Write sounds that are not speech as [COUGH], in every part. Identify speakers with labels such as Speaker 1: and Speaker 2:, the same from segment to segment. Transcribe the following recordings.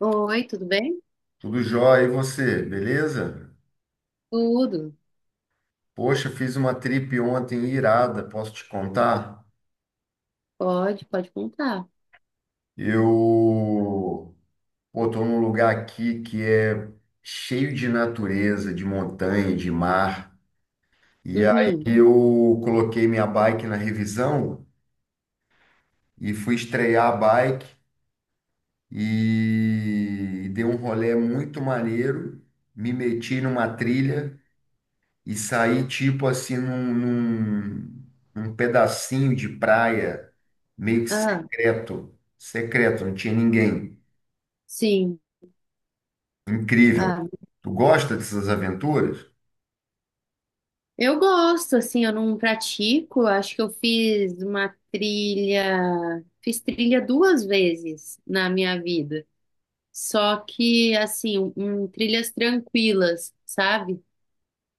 Speaker 1: Oi, tudo bem?
Speaker 2: Tudo jóia, e você, beleza?
Speaker 1: Tudo.
Speaker 2: Poxa, fiz uma trip ontem irada, posso te contar?
Speaker 1: Pode, pode contar.
Speaker 2: Eu, tô num lugar aqui que é cheio de natureza, de montanha, de mar. E aí
Speaker 1: Uhum.
Speaker 2: eu coloquei minha bike na revisão e fui estrear a bike e dei um rolê muito maneiro, me meti numa trilha. E sair tipo assim num pedacinho de praia meio que
Speaker 1: Ah,
Speaker 2: secreto, secreto, não tinha ninguém.
Speaker 1: sim.
Speaker 2: Incrível.
Speaker 1: Ah,
Speaker 2: Tu gosta dessas aventuras?
Speaker 1: eu gosto, assim, eu não pratico. Acho que eu fiz uma trilha, fiz trilha duas vezes na minha vida. Só que, assim, trilhas tranquilas, sabe?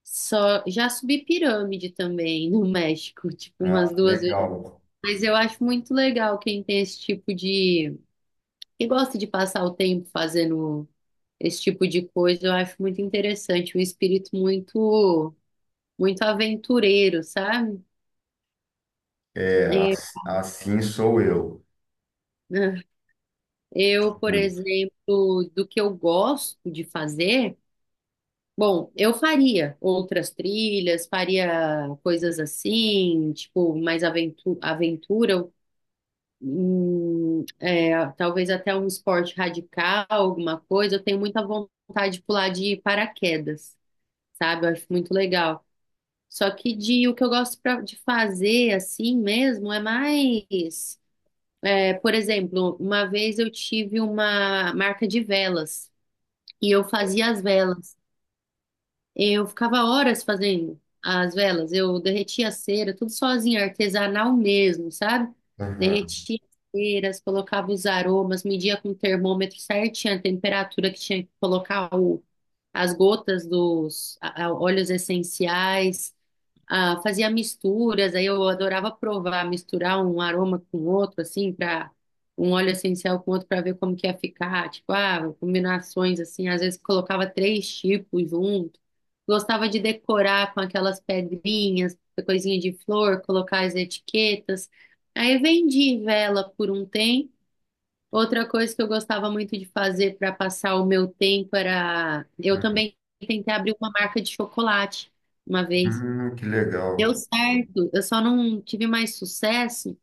Speaker 1: Só, já subi pirâmide também [LAUGHS] no México, tipo,
Speaker 2: Ah,
Speaker 1: umas duas vezes.
Speaker 2: legal.
Speaker 1: Mas eu acho muito legal quem tem esse tipo de, que gosta de passar o tempo fazendo esse tipo de coisa. Eu acho muito interessante, um espírito muito, muito aventureiro, sabe? É,
Speaker 2: Assim sou eu.
Speaker 1: né? Eu, por
Speaker 2: Muito.
Speaker 1: exemplo, do que eu gosto de fazer, bom, eu faria outras trilhas, faria coisas assim, tipo, mais aventura, é, talvez até um esporte radical, alguma coisa. Eu tenho muita vontade de pular de paraquedas, sabe? Eu acho muito legal. Só que de o que eu gosto de fazer assim mesmo é mais, é, por exemplo, uma vez eu tive uma marca de velas e eu fazia as velas. Eu ficava horas fazendo as velas, eu derretia a cera, tudo sozinha, artesanal mesmo, sabe?
Speaker 2: Aham.
Speaker 1: Derretia as ceras, colocava os aromas, media com o termômetro certinho a temperatura que tinha que colocar as gotas dos óleos essenciais. Ah, fazia misturas, aí eu adorava provar, misturar um aroma com outro, assim, para um óleo essencial com outro para ver como que ia ficar, tipo, ah, combinações assim, às vezes colocava três tipos junto. Gostava de decorar com aquelas pedrinhas, coisinha de flor, colocar as etiquetas. Aí vendi vela por um tempo. Outra coisa que eu gostava muito de fazer para passar o meu tempo era, eu também tentei abrir uma marca de chocolate uma vez.
Speaker 2: Que
Speaker 1: Deu
Speaker 2: legal.
Speaker 1: certo, eu só não tive mais sucesso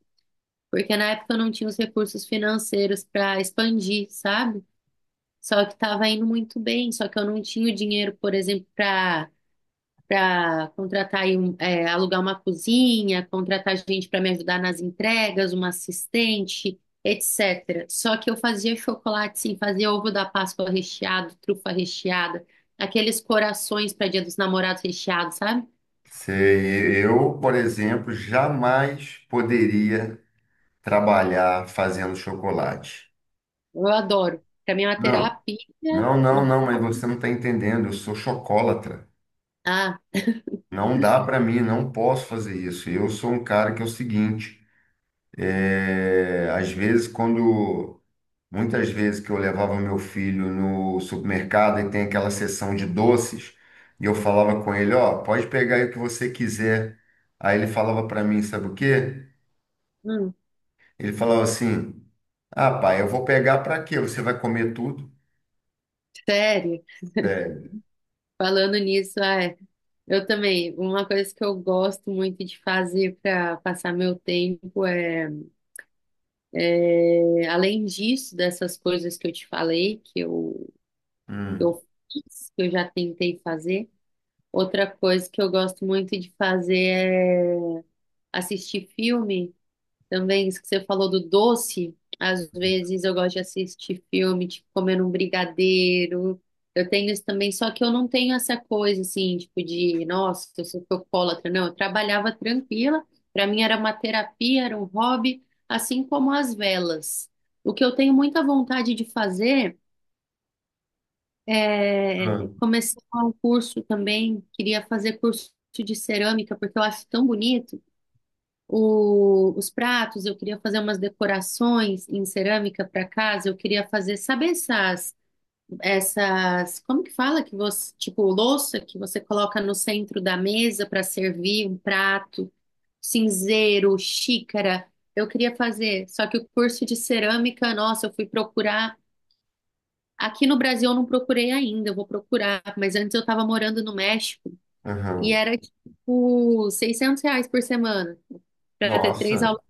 Speaker 1: porque na época eu não tinha os recursos financeiros para expandir, sabe? Só que estava indo muito bem, só que eu não tinha o dinheiro, por exemplo, para contratar aí um, é, alugar uma cozinha, contratar gente para me ajudar nas entregas, uma assistente, etc. Só que eu fazia chocolate, sim, fazia ovo da Páscoa recheado, trufa recheada, aqueles corações para Dia dos Namorados recheados, sabe?
Speaker 2: Sei, eu, por exemplo, jamais poderia trabalhar fazendo chocolate.
Speaker 1: Eu adoro. Para mim é uma
Speaker 2: Não,
Speaker 1: terapia,
Speaker 2: não, não,
Speaker 1: um
Speaker 2: não, mas
Speaker 1: hobby.
Speaker 2: você não está entendendo. Eu sou chocolatra.
Speaker 1: Ah,
Speaker 2: Não dá para mim, não posso fazer isso. Eu sou um cara que é o seguinte, é, às vezes quando, muitas vezes que eu levava meu filho no supermercado e tem aquela seção de doces, e eu falava com ele, ó, pode pegar aí o que você quiser. Aí ele falava para mim, sabe o quê?
Speaker 1: hum,
Speaker 2: Ele falava assim, ah, pai, eu vou pegar para quê? Você vai comer tudo?
Speaker 1: sério.
Speaker 2: Sério.
Speaker 1: Falando nisso, é, eu também. Uma coisa que eu gosto muito de fazer para passar meu tempo é, é, além disso, dessas coisas que eu te falei, que eu
Speaker 2: Hum,
Speaker 1: fiz, que eu já tentei fazer. Outra coisa que eu gosto muito de fazer é assistir filme. Também, isso que você falou do doce, às vezes eu gosto de assistir filme, tipo, comendo um brigadeiro. Eu tenho isso também, só que eu não tenho essa coisa, assim, tipo, de, nossa, eu sou alcoólatra. Não, eu trabalhava tranquila, para mim era uma terapia, era um hobby, assim como as velas. O que eu tenho muita vontade de fazer é
Speaker 2: hum,
Speaker 1: começar um curso também, queria fazer curso de cerâmica, porque eu acho tão bonito os pratos. Eu queria fazer umas decorações em cerâmica para casa, eu queria fazer, sabe essas, essas, como que fala que você, tipo, louça que você coloca no centro da mesa para servir um prato, cinzeiro, xícara. Eu queria fazer, só que o curso de cerâmica, nossa, eu fui procurar. Aqui no Brasil eu não procurei ainda, eu vou procurar, mas antes eu estava morando no México e
Speaker 2: aham.
Speaker 1: era tipo R$ 600 por semana para ter três
Speaker 2: Nossa,
Speaker 1: aulas,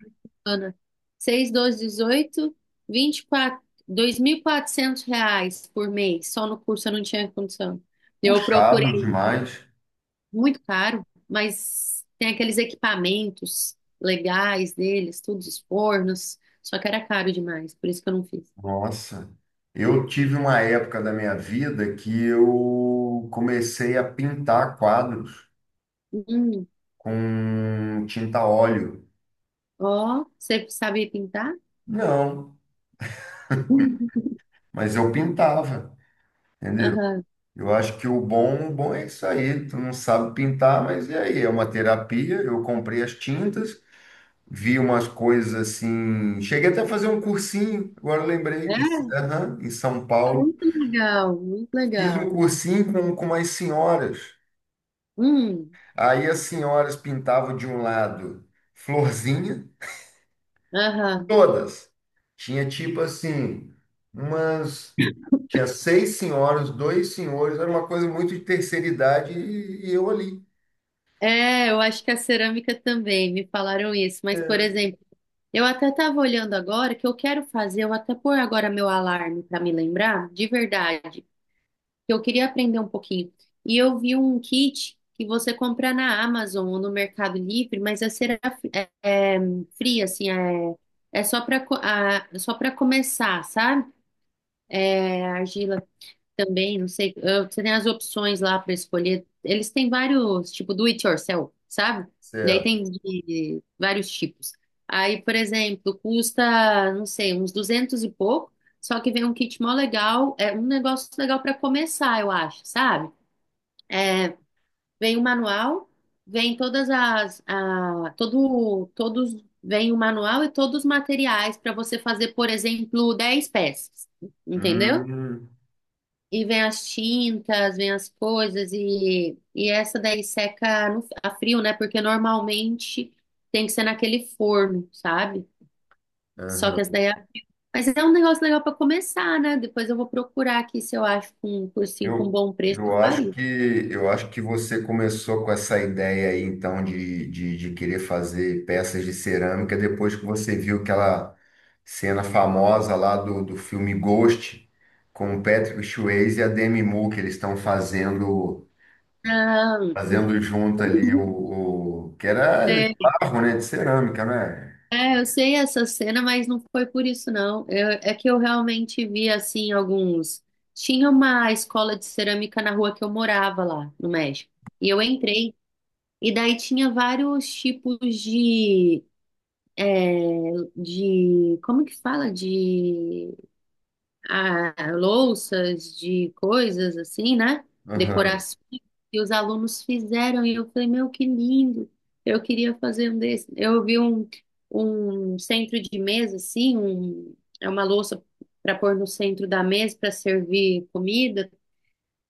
Speaker 1: Ana. 6, 12, 18, 24, R$ 400 por mês. Só no curso eu não tinha condição. Eu
Speaker 2: puxado
Speaker 1: procurei,
Speaker 2: demais.
Speaker 1: muito caro, mas tem aqueles equipamentos legais deles, tudo os fornos. Só que era caro demais, por isso que eu não fiz.
Speaker 2: Nossa, eu tive uma época da minha vida que eu comecei a pintar quadros
Speaker 1: Hum,
Speaker 2: com tinta óleo.
Speaker 1: ó, você sabe pintar?
Speaker 2: Não,
Speaker 1: [LAUGHS]
Speaker 2: mas eu pintava, entendeu?
Speaker 1: Aham.
Speaker 2: Eu acho que o bom é isso aí. Tu não sabe pintar, mas e aí? É uma terapia. Eu comprei as tintas, vi umas coisas assim. Cheguei até a fazer um cursinho, agora eu lembrei,
Speaker 1: É,
Speaker 2: em São Paulo.
Speaker 1: muito legal, muito
Speaker 2: Fiz um
Speaker 1: legal.
Speaker 2: cursinho com umas senhoras.
Speaker 1: Hum,
Speaker 2: Aí as senhoras pintavam de um lado florzinha,
Speaker 1: aham.
Speaker 2: todas. Tinha tipo assim, umas. Tinha seis senhoras, dois senhores, era uma coisa muito de terceira idade e eu ali.
Speaker 1: É, eu acho que a cerâmica também, me falaram isso. Mas, por exemplo, eu até estava olhando agora que eu quero fazer, eu até pôr agora meu alarme para me lembrar, de verdade, que eu queria aprender um pouquinho. E eu vi um kit que você compra na Amazon ou no Mercado Livre, mas é, é fria, assim, é só para começar, sabe? É argila também, não sei, você tem as opções lá para escolher. Eles têm vários, tipo, do it yourself, sabe? E aí
Speaker 2: Certo.
Speaker 1: tem de vários tipos. Aí, por exemplo, custa, não sei, uns 200 e pouco, só que vem um kit mó legal, é um negócio legal para começar, eu acho, sabe? Vem o manual, vem todas as, a, todo, todos, vem o manual e todos os materiais para você fazer, por exemplo, 10 peças, entendeu?
Speaker 2: Hum.
Speaker 1: E vem as tintas, vem as coisas, e essa daí seca a frio, né? Porque normalmente tem que ser naquele forno, sabe? Só que essa daí é... Mas é um negócio legal para começar, né? Depois eu vou procurar aqui se eu acho com um cursinho com
Speaker 2: Eu,
Speaker 1: bom preço,
Speaker 2: eu
Speaker 1: eu
Speaker 2: acho
Speaker 1: faria.
Speaker 2: que eu acho que você começou com essa ideia aí, então, de querer fazer peças de cerâmica depois que você viu aquela cena famosa lá do filme Ghost, com o Patrick Swayze e a Demi Moore, que eles estão
Speaker 1: Não,
Speaker 2: fazendo junto ali que era
Speaker 1: é,
Speaker 2: de barro, né? De cerâmica, né?
Speaker 1: eu sei essa cena, mas não foi por isso, não. É que eu realmente vi, assim, alguns... Tinha uma escola de cerâmica na rua que eu morava lá, no México. E eu entrei. E daí tinha vários tipos de, como que fala? De ah, louças, de coisas assim, né?
Speaker 2: Aham,
Speaker 1: Decorações que os alunos fizeram. E eu falei, meu, que lindo! Eu queria fazer um desse. Eu vi um centro de mesa, assim, é uma louça para pôr no centro da mesa para servir comida,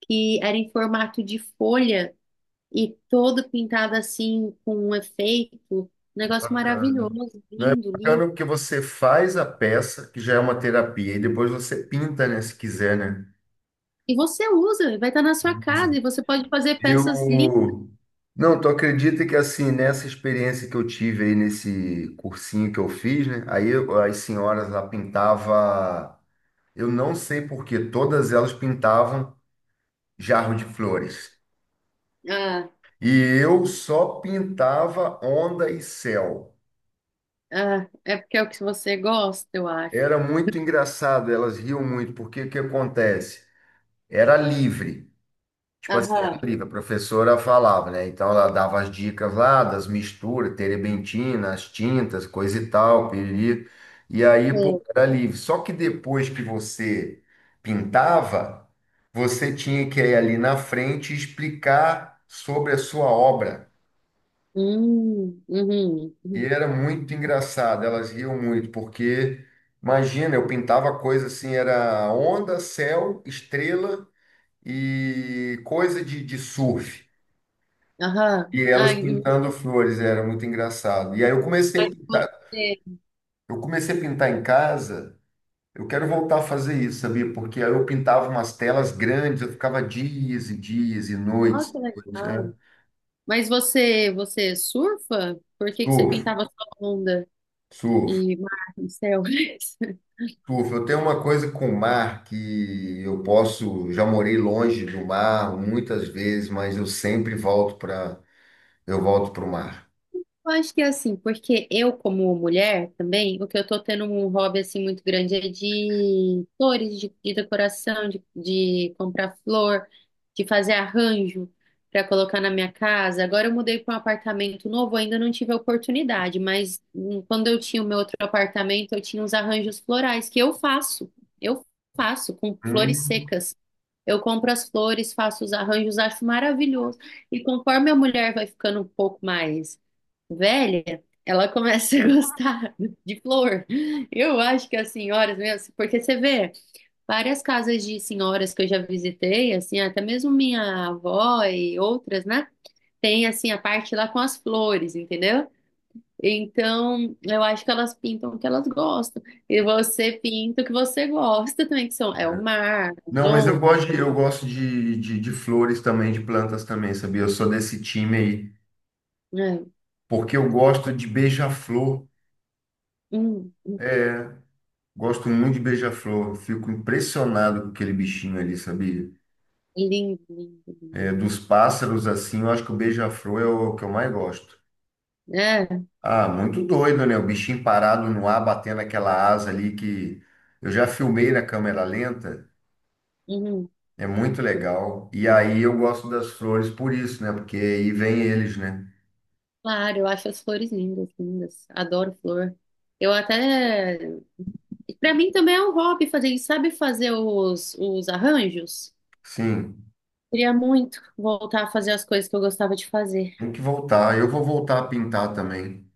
Speaker 1: que era em formato de folha, e todo pintado assim com um efeito, um negócio
Speaker 2: bacana.
Speaker 1: maravilhoso,
Speaker 2: Não é
Speaker 1: lindo, lindo.
Speaker 2: bacana porque você faz a peça, que já é uma terapia, e depois você pinta, né? Se quiser, né?
Speaker 1: E você usa, vai estar na sua casa e você pode fazer peças lindas.
Speaker 2: Eu. Não, tu acredita que assim, nessa experiência que eu tive aí nesse cursinho que eu fiz, né? As senhoras lá pintava, eu não sei por quê, todas elas pintavam jarro de flores.
Speaker 1: Ah,
Speaker 2: E eu só pintava onda e céu.
Speaker 1: ah, é porque é o que você gosta, eu acho.
Speaker 2: Era muito engraçado, elas riam muito, porque o que acontece? Era livre. Tipo assim, era
Speaker 1: Aham.
Speaker 2: livre, a professora falava, né? Então ela dava as dicas lá das misturas, terebentina, as tintas, coisa e tal, piriri. E aí, pô,
Speaker 1: É.
Speaker 2: era livre. Só que depois que você pintava, você tinha que ir ali na frente e explicar sobre a sua obra.
Speaker 1: Uhum,
Speaker 2: E
Speaker 1: uhum.
Speaker 2: era muito engraçado, elas riam muito, porque imagina, eu pintava coisa assim, era onda, céu, estrela e coisa de surf.
Speaker 1: Aham.
Speaker 2: E elas
Speaker 1: Ai,
Speaker 2: pintando flores, era muito engraçado. E aí
Speaker 1: mas você...
Speaker 2: eu comecei a pintar em casa. Eu quero voltar a fazer isso, sabia? Porque aí eu pintava umas telas grandes, eu ficava dias e dias e
Speaker 1: Ó,
Speaker 2: noites,
Speaker 1: que
Speaker 2: noites, né?
Speaker 1: legal. Mas você, você surfa? Por que que você
Speaker 2: Surfo,
Speaker 1: pintava sua onda
Speaker 2: surfo,
Speaker 1: e mar no céu? [LAUGHS]
Speaker 2: surfo. Eu tenho uma coisa com o mar que eu posso, já morei longe do mar muitas vezes, mas eu sempre eu volto para o mar.
Speaker 1: Eu acho que é assim, porque eu, como mulher também, o que eu tô tendo um hobby assim muito grande é de flores, de decoração, de comprar flor, de fazer arranjo para colocar na minha casa. Agora eu mudei para um apartamento novo, ainda não tive a oportunidade, mas quando eu tinha o meu outro apartamento, eu tinha uns arranjos florais que eu faço. Eu faço com flores
Speaker 2: Hum.
Speaker 1: secas. Eu compro as flores, faço os arranjos, acho maravilhoso. E conforme a mulher vai ficando um pouco mais velha, ela começa a [LAUGHS] gostar de flor. Eu acho que as senhoras mesmo, assim, porque você vê várias casas de senhoras que eu já visitei, assim, até mesmo minha avó e outras, né? Tem assim a parte lá com as flores, entendeu? Então, eu acho que elas pintam o que elas gostam. E você pinta o que você gosta também, que são, é o mar, as
Speaker 2: Não, mas
Speaker 1: ondas.
Speaker 2: eu gosto de flores também, de plantas também, sabia? Eu sou desse time aí,
Speaker 1: Né?
Speaker 2: porque eu gosto de beija-flor.
Speaker 1: Hum,
Speaker 2: É, gosto muito de beija-flor. Fico impressionado com aquele bichinho ali, sabia?
Speaker 1: lindo, lindo, lindo.
Speaker 2: É, dos pássaros, assim, eu acho que o beija-flor é o que eu mais gosto.
Speaker 1: É,
Speaker 2: Ah, muito doido, né? O bichinho parado no ar, batendo aquela asa ali que eu já filmei na câmera lenta.
Speaker 1: uhum.
Speaker 2: É muito legal. E aí eu gosto das flores por isso, né? Porque aí vem eles, né?
Speaker 1: Claro, eu acho as flores lindas, lindas. Adoro flor. Eu até. Pra mim também é um hobby fazer isso. Sabe fazer os arranjos?
Speaker 2: Sim.
Speaker 1: Queria muito voltar a fazer as coisas que eu gostava de fazer.
Speaker 2: Tem que voltar. Eu vou voltar a pintar também.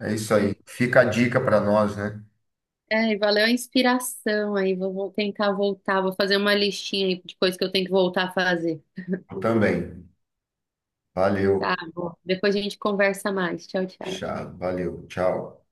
Speaker 2: É isso aí.
Speaker 1: Hum.
Speaker 2: Fica a dica para nós, né?
Speaker 1: É, e valeu a inspiração aí. Vou, vou tentar voltar. Vou fazer uma listinha aí de coisas que eu tenho que voltar a fazer.
Speaker 2: Eu também.
Speaker 1: Tá
Speaker 2: Valeu.
Speaker 1: bom. Depois a gente conversa mais. Tchau, tchau.
Speaker 2: Tchau. Valeu. Tchau.